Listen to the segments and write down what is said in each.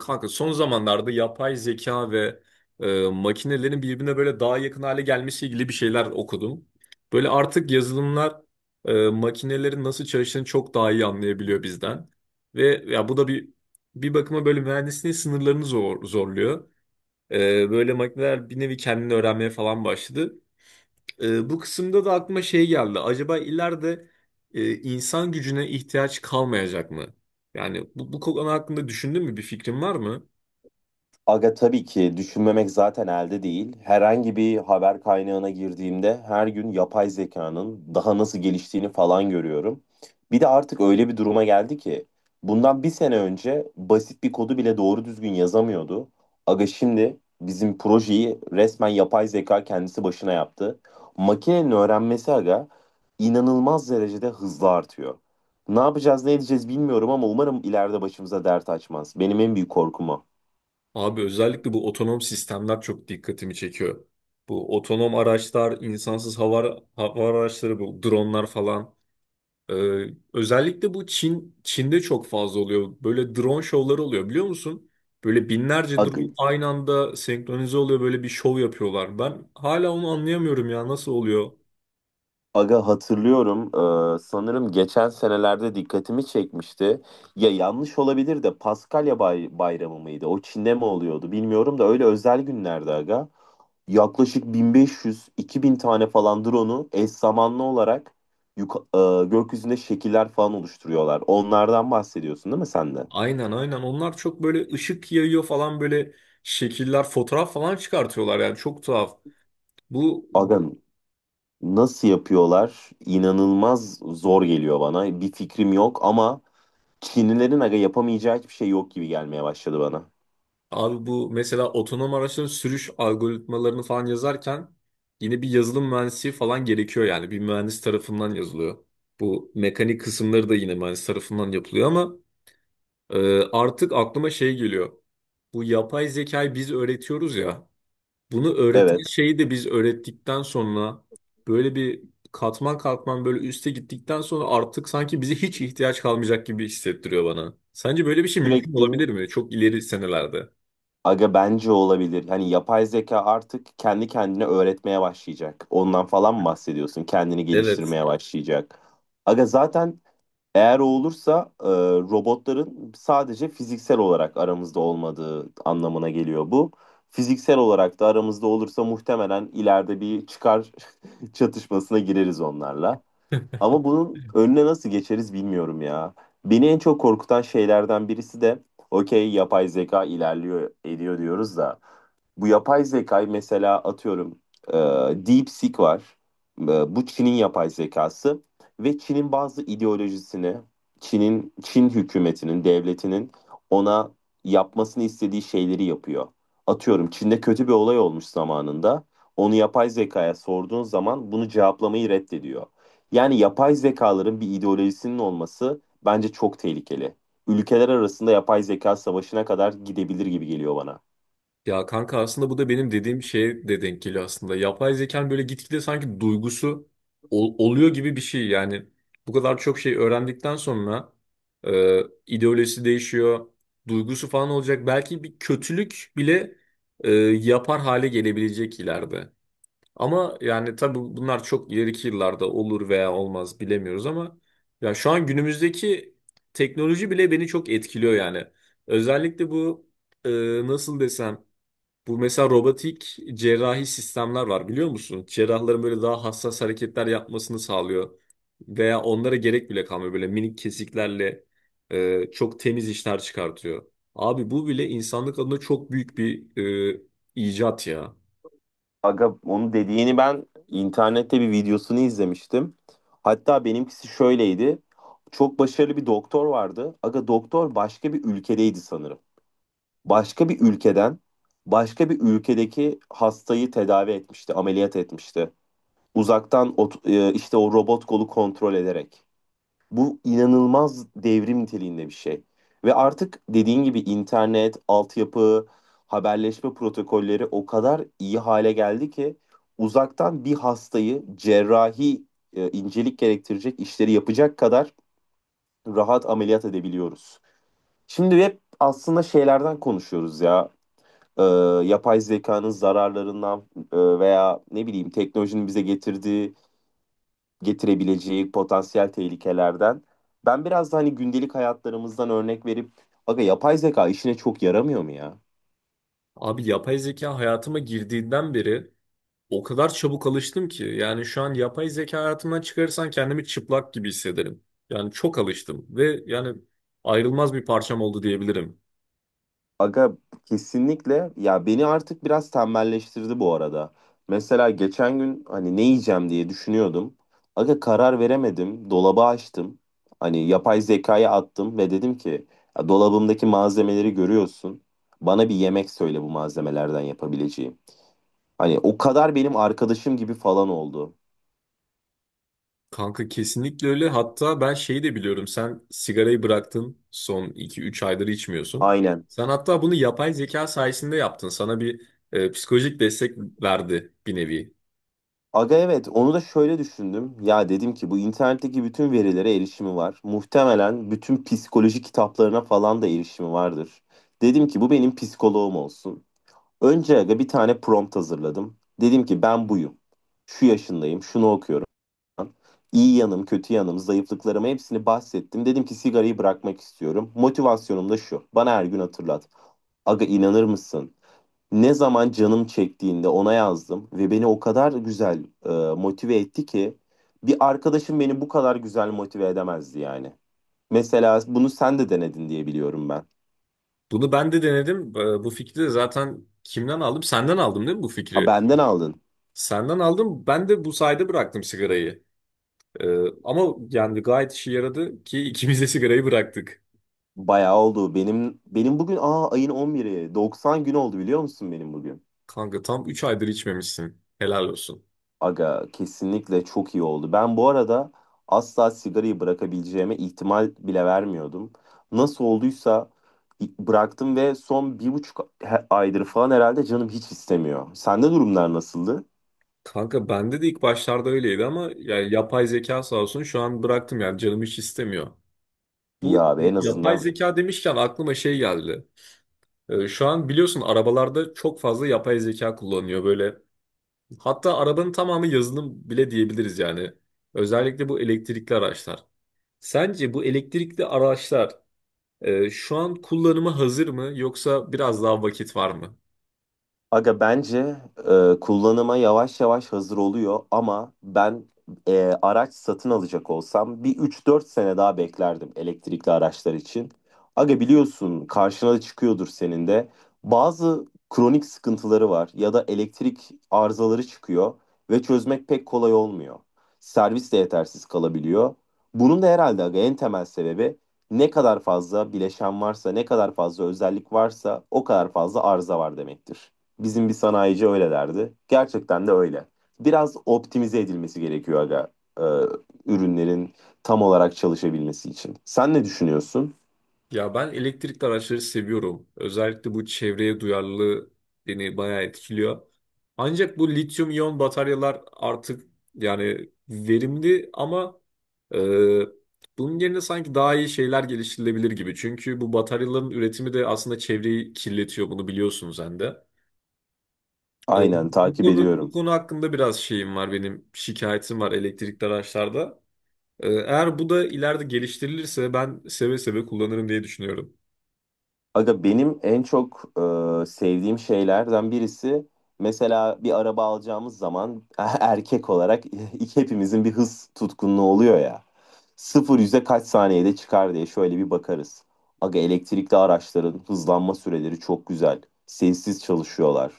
Kanka son zamanlarda yapay zeka ve makinelerin birbirine böyle daha yakın hale gelmesiyle ilgili bir şeyler okudum. Böyle artık yazılımlar makinelerin nasıl çalıştığını çok daha iyi anlayabiliyor bizden. Ve ya bu da bir bakıma böyle mühendisliğin sınırlarını zorluyor. Böyle makineler bir nevi kendini öğrenmeye falan başladı. Bu kısımda da aklıma şey geldi. Acaba ileride insan gücüne ihtiyaç kalmayacak mı? Yani bu konu hakkında düşündün mü? Bir fikrin var mı? Aga, tabii ki düşünmemek zaten elde değil. Herhangi bir haber kaynağına girdiğimde her gün yapay zekanın daha nasıl geliştiğini falan görüyorum. Bir de artık öyle bir duruma geldi ki bundan bir sene önce basit bir kodu bile doğru düzgün yazamıyordu. Aga, şimdi bizim projeyi resmen yapay zeka kendisi başına yaptı. Makinenin öğrenmesi aga inanılmaz derecede hızlı artıyor. Ne yapacağız ne edeceğiz bilmiyorum ama umarım ileride başımıza dert açmaz. Benim en büyük korkum o. Abi özellikle bu otonom sistemler çok dikkatimi çekiyor. Bu otonom araçlar, insansız hava araçları, bu dronlar falan. Ee, Özellikle bu Çin'de çok fazla oluyor. Böyle drone şovları oluyor biliyor musun? Böyle binlerce drone Aga, aynı anda senkronize oluyor böyle bir şov yapıyorlar. Ben hala onu anlayamıyorum ya nasıl oluyor? Aga, hatırlıyorum. Sanırım geçen senelerde dikkatimi çekmişti. Ya yanlış olabilir de Paskalya Bayramı mıydı? O Çin'de mi oluyordu bilmiyorum da öyle özel günlerde aga. Yaklaşık 1500-2000 tane falan drone'u eş zamanlı olarak gökyüzünde şekiller falan oluşturuyorlar. Onlardan bahsediyorsun değil mi sen de? Aynen aynen onlar çok böyle ışık yayıyor falan böyle şekiller, fotoğraf falan çıkartıyorlar yani çok tuhaf. Bu Aga, nasıl yapıyorlar? İnanılmaz zor geliyor bana. Bir fikrim yok ama Çinlilerin aga yapamayacağı hiçbir şey yok gibi gelmeye başladı bana. Abi bu mesela otonom araçların sürüş algoritmalarını falan yazarken yine bir yazılım mühendisi falan gerekiyor yani bir mühendis tarafından yazılıyor. Bu mekanik kısımları da yine mühendis tarafından yapılıyor ama artık aklıma şey geliyor. Bu yapay zekayı biz öğretiyoruz ya. Bunu öğreten Evet. şeyi de biz öğrettikten sonra böyle bir katman katman böyle üste gittikten sonra artık sanki bize hiç ihtiyaç kalmayacak gibi hissettiriyor bana. Sence böyle bir şey mümkün Sürekli olabilir mi? Çok ileri senelerde. aga bence olabilir. Hani yapay zeka artık kendi kendine öğretmeye başlayacak. Ondan falan mı bahsediyorsun? Kendini Evet. geliştirmeye başlayacak. Aga zaten eğer o olursa robotların sadece fiziksel olarak aramızda olmadığı anlamına geliyor bu. Fiziksel olarak da aramızda olursa muhtemelen ileride bir çıkar çatışmasına gireriz onlarla. Ama bunun önüne nasıl geçeriz bilmiyorum ya. Beni en çok korkutan şeylerden birisi de okey, yapay zeka ilerliyor ediyor diyoruz da bu yapay zekayı, mesela atıyorum, e, DeepSeek var. E, Bu Çin'in yapay zekası ve Çin'in bazı ideolojisini, Çin'in, Çin hükümetinin, devletinin ona yapmasını istediği şeyleri yapıyor. Atıyorum, Çin'de kötü bir olay olmuş zamanında. Onu yapay zekaya sorduğun zaman bunu cevaplamayı reddediyor. Yani yapay zekaların bir ideolojisinin olması bence çok tehlikeli. Ülkeler arasında yapay zeka savaşına kadar gidebilir gibi geliyor bana. Ya kanka aslında bu da benim dediğim şeye de denk geliyor aslında. Yapay zekanın böyle gitgide sanki duygusu oluyor gibi bir şey. Yani bu kadar çok şey öğrendikten sonra e, ideolojisi değişiyor, duygusu falan olacak. Belki bir kötülük bile yapar hale gelebilecek ileride. Ama yani tabii bunlar çok ileriki yıllarda olur veya olmaz bilemiyoruz ama ya şu an günümüzdeki teknoloji bile beni çok etkiliyor yani. Özellikle bu e, nasıl desem bu mesela robotik cerrahi sistemler var biliyor musun? Cerrahların böyle daha hassas hareketler yapmasını sağlıyor. Veya onlara gerek bile kalmıyor. Böyle minik kesiklerle çok temiz işler çıkartıyor. Abi bu bile insanlık adına çok büyük bir e, icat ya. Aga, onu dediğini ben internette bir videosunu izlemiştim. Hatta benimkisi şöyleydi. Çok başarılı bir doktor vardı. Aga doktor başka bir ülkedeydi sanırım. Başka bir ülkeden başka bir ülkedeki hastayı tedavi etmişti, ameliyat etmişti. Uzaktan işte o robot kolu kontrol ederek. Bu inanılmaz devrim niteliğinde bir şey. Ve artık dediğin gibi internet, altyapı, haberleşme protokolleri o kadar iyi hale geldi ki uzaktan bir hastayı cerrahi incelik gerektirecek işleri yapacak kadar rahat ameliyat edebiliyoruz. Şimdi hep aslında şeylerden konuşuyoruz ya. e, Yapay zekanın zararlarından veya ne bileyim teknolojinin bize getirdiği, getirebileceği potansiyel tehlikelerden. Ben biraz da hani gündelik hayatlarımızdan örnek verip aga yapay zeka işine çok yaramıyor mu ya? Abi yapay zeka hayatıma girdiğinden beri o kadar çabuk alıştım ki. Yani şu an yapay zeka hayatımdan çıkarırsan kendimi çıplak gibi hissederim. Yani çok alıştım ve yani ayrılmaz bir parçam oldu diyebilirim. Aga kesinlikle ya, beni artık biraz tembelleştirdi bu arada. Mesela geçen gün hani ne yiyeceğim diye düşünüyordum. Aga karar veremedim. Dolabı açtım. Hani yapay zekaya attım ve dedim ki "Ya dolabımdaki malzemeleri görüyorsun. Bana bir yemek söyle bu malzemelerden yapabileceğim." Hani o kadar benim arkadaşım gibi falan oldu. Kanka kesinlikle öyle. Hatta ben şeyi de biliyorum. Sen sigarayı bıraktın. Son iki üç aydır içmiyorsun. Aynen. Sen hatta bunu yapay zeka sayesinde yaptın. Sana bir psikolojik destek verdi bir nevi. Aga evet, onu da şöyle düşündüm. Ya dedim ki bu internetteki bütün verilere erişimi var. Muhtemelen bütün psikoloji kitaplarına falan da erişimi vardır. Dedim ki bu benim psikoloğum olsun. Önce aga bir tane prompt hazırladım. Dedim ki ben buyum. Şu yaşındayım, şunu okuyorum. İyi yanım, kötü yanım, zayıflıklarımı hepsini bahsettim. Dedim ki sigarayı bırakmak istiyorum. Motivasyonum da şu. Bana her gün hatırlat. Aga, inanır mısın? Ne zaman canım çektiğinde ona yazdım ve beni o kadar güzel motive etti ki bir arkadaşım beni bu kadar güzel motive edemezdi yani. Mesela bunu sen de denedin diye biliyorum ben. Bunu ben de denedim. E, bu fikri de zaten kimden aldım? Senden aldım değil mi bu Ha, fikri? benden aldın. Senden aldım. Ben de bu sayede bıraktım sigarayı. E, ama yani gayet işe yaradı ki ikimiz de sigarayı bıraktık. Bayağı oldu. Benim bugün, aa, ayın on biri, 90 gün oldu biliyor musun benim bugün? Kanka tam 3 aydır içmemişsin. Helal olsun. Aga kesinlikle çok iyi oldu. Ben bu arada asla sigarayı bırakabileceğime ihtimal bile vermiyordum. Nasıl olduysa bıraktım ve son bir buçuk aydır falan herhalde canım hiç istemiyor. Sende durumlar nasıldı? Kanka bende de ilk başlarda öyleydi ama yani yapay zeka sağ olsun şu an bıraktım yani canım hiç istemiyor. İyi Bu abi, en yapay azından… zeka demişken aklıma şey geldi. Şu an biliyorsun arabalarda çok fazla yapay zeka kullanıyor böyle. Hatta arabanın tamamı yazılım bile diyebiliriz yani. Özellikle bu elektrikli araçlar. Sence bu elektrikli araçlar şu an kullanıma hazır mı yoksa biraz daha vakit var mı? Aga bence kullanıma yavaş yavaş hazır oluyor ama ben, araç satın alacak olsam bir üç dört sene daha beklerdim elektrikli araçlar için. Aga biliyorsun, karşına da çıkıyordur senin de. Bazı kronik sıkıntıları var ya da elektrik arızaları çıkıyor ve çözmek pek kolay olmuyor. Servis de yetersiz kalabiliyor. Bunun da herhalde aga en temel sebebi, ne kadar fazla bileşen varsa, ne kadar fazla özellik varsa o kadar fazla arıza var demektir. Bizim bir sanayici öyle derdi. Gerçekten de öyle. Biraz optimize edilmesi gerekiyor aga, e, ürünlerin tam olarak çalışabilmesi için. Sen ne düşünüyorsun? Ya ben elektrikli araçları seviyorum. Özellikle bu çevreye duyarlılığı beni bayağı etkiliyor. Ancak bu lityum iyon bataryalar artık yani verimli ama e, bunun yerine sanki daha iyi şeyler geliştirilebilir gibi. Çünkü bu bataryaların üretimi de aslında çevreyi kirletiyor. Bunu biliyorsun sen de. E, Aynen, takip bu ediyorum. konu hakkında biraz şeyim var benim şikayetim var elektrikli araçlarda. E, eğer bu da ileride geliştirilirse ben seve seve kullanırım diye düşünüyorum. Aga benim en çok sevdiğim şeylerden birisi, mesela bir araba alacağımız zaman erkek olarak hepimizin bir hız tutkunluğu oluyor ya. Sıfır yüze kaç saniyede çıkar diye şöyle bir bakarız. Aga elektrikli araçların hızlanma süreleri çok güzel. Sessiz çalışıyorlar.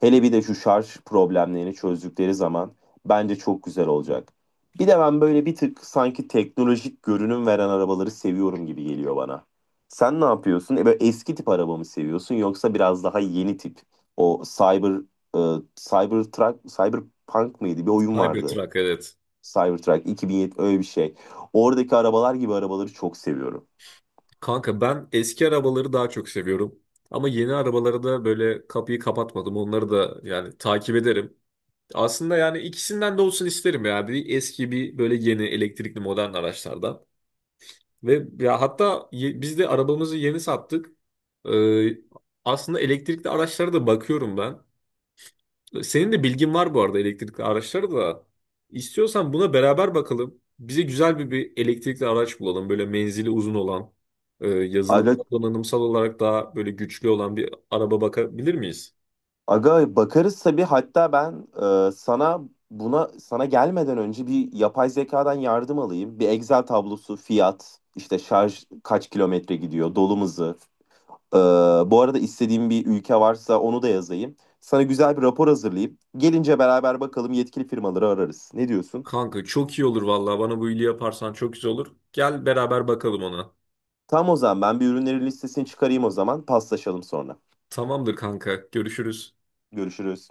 Hele bir de şu şarj problemlerini çözdükleri zaman bence çok güzel olacak. Bir de ben böyle bir tık sanki teknolojik görünüm veren arabaları seviyorum gibi geliyor bana. Sen ne yapıyorsun? E, böyle eski tip araba mı seviyorsun yoksa biraz daha yeni tip? O Cybertruck, Cyberpunk mıydı? Bir oyun vardı. Cybertruck evet. Cybertruck 2007, öyle bir şey. Oradaki arabalar gibi arabaları çok seviyorum. Kanka ben eski arabaları daha çok seviyorum. Ama yeni arabalara da böyle kapıyı kapatmadım. Onları da yani takip ederim. Aslında yani ikisinden de olsun isterim ya. Bir eski bir böyle yeni elektrikli modern araçlardan. Ve ya hatta biz de arabamızı yeni sattık. Ee, Aslında elektrikli araçlara da bakıyorum ben. Senin de bilgin var bu arada elektrikli araçları da. İstiyorsan buna beraber bakalım. Bize güzel bir elektrikli araç bulalım. Böyle menzili uzun olan, Aga yazılımsal donanımsal olarak daha böyle güçlü olan bir araba bakabilir miyiz? Aga, bakarız tabii. Hatta ben sana, sana gelmeden önce bir yapay zekadan yardım alayım. Bir Excel tablosu, fiyat, işte şarj kaç kilometre gidiyor, dolum hızı. E, Bu arada istediğim bir ülke varsa onu da yazayım. Sana güzel bir rapor hazırlayıp gelince beraber bakalım, yetkili firmaları ararız. Ne diyorsun? Kanka çok iyi olur vallahi. Bana bu iyiliği yaparsan çok güzel olur. Gel beraber bakalım ona. Tamam, o zaman ben bir ürünlerin listesini çıkarayım, o zaman paslaşalım sonra. Tamamdır kanka. Görüşürüz. Görüşürüz.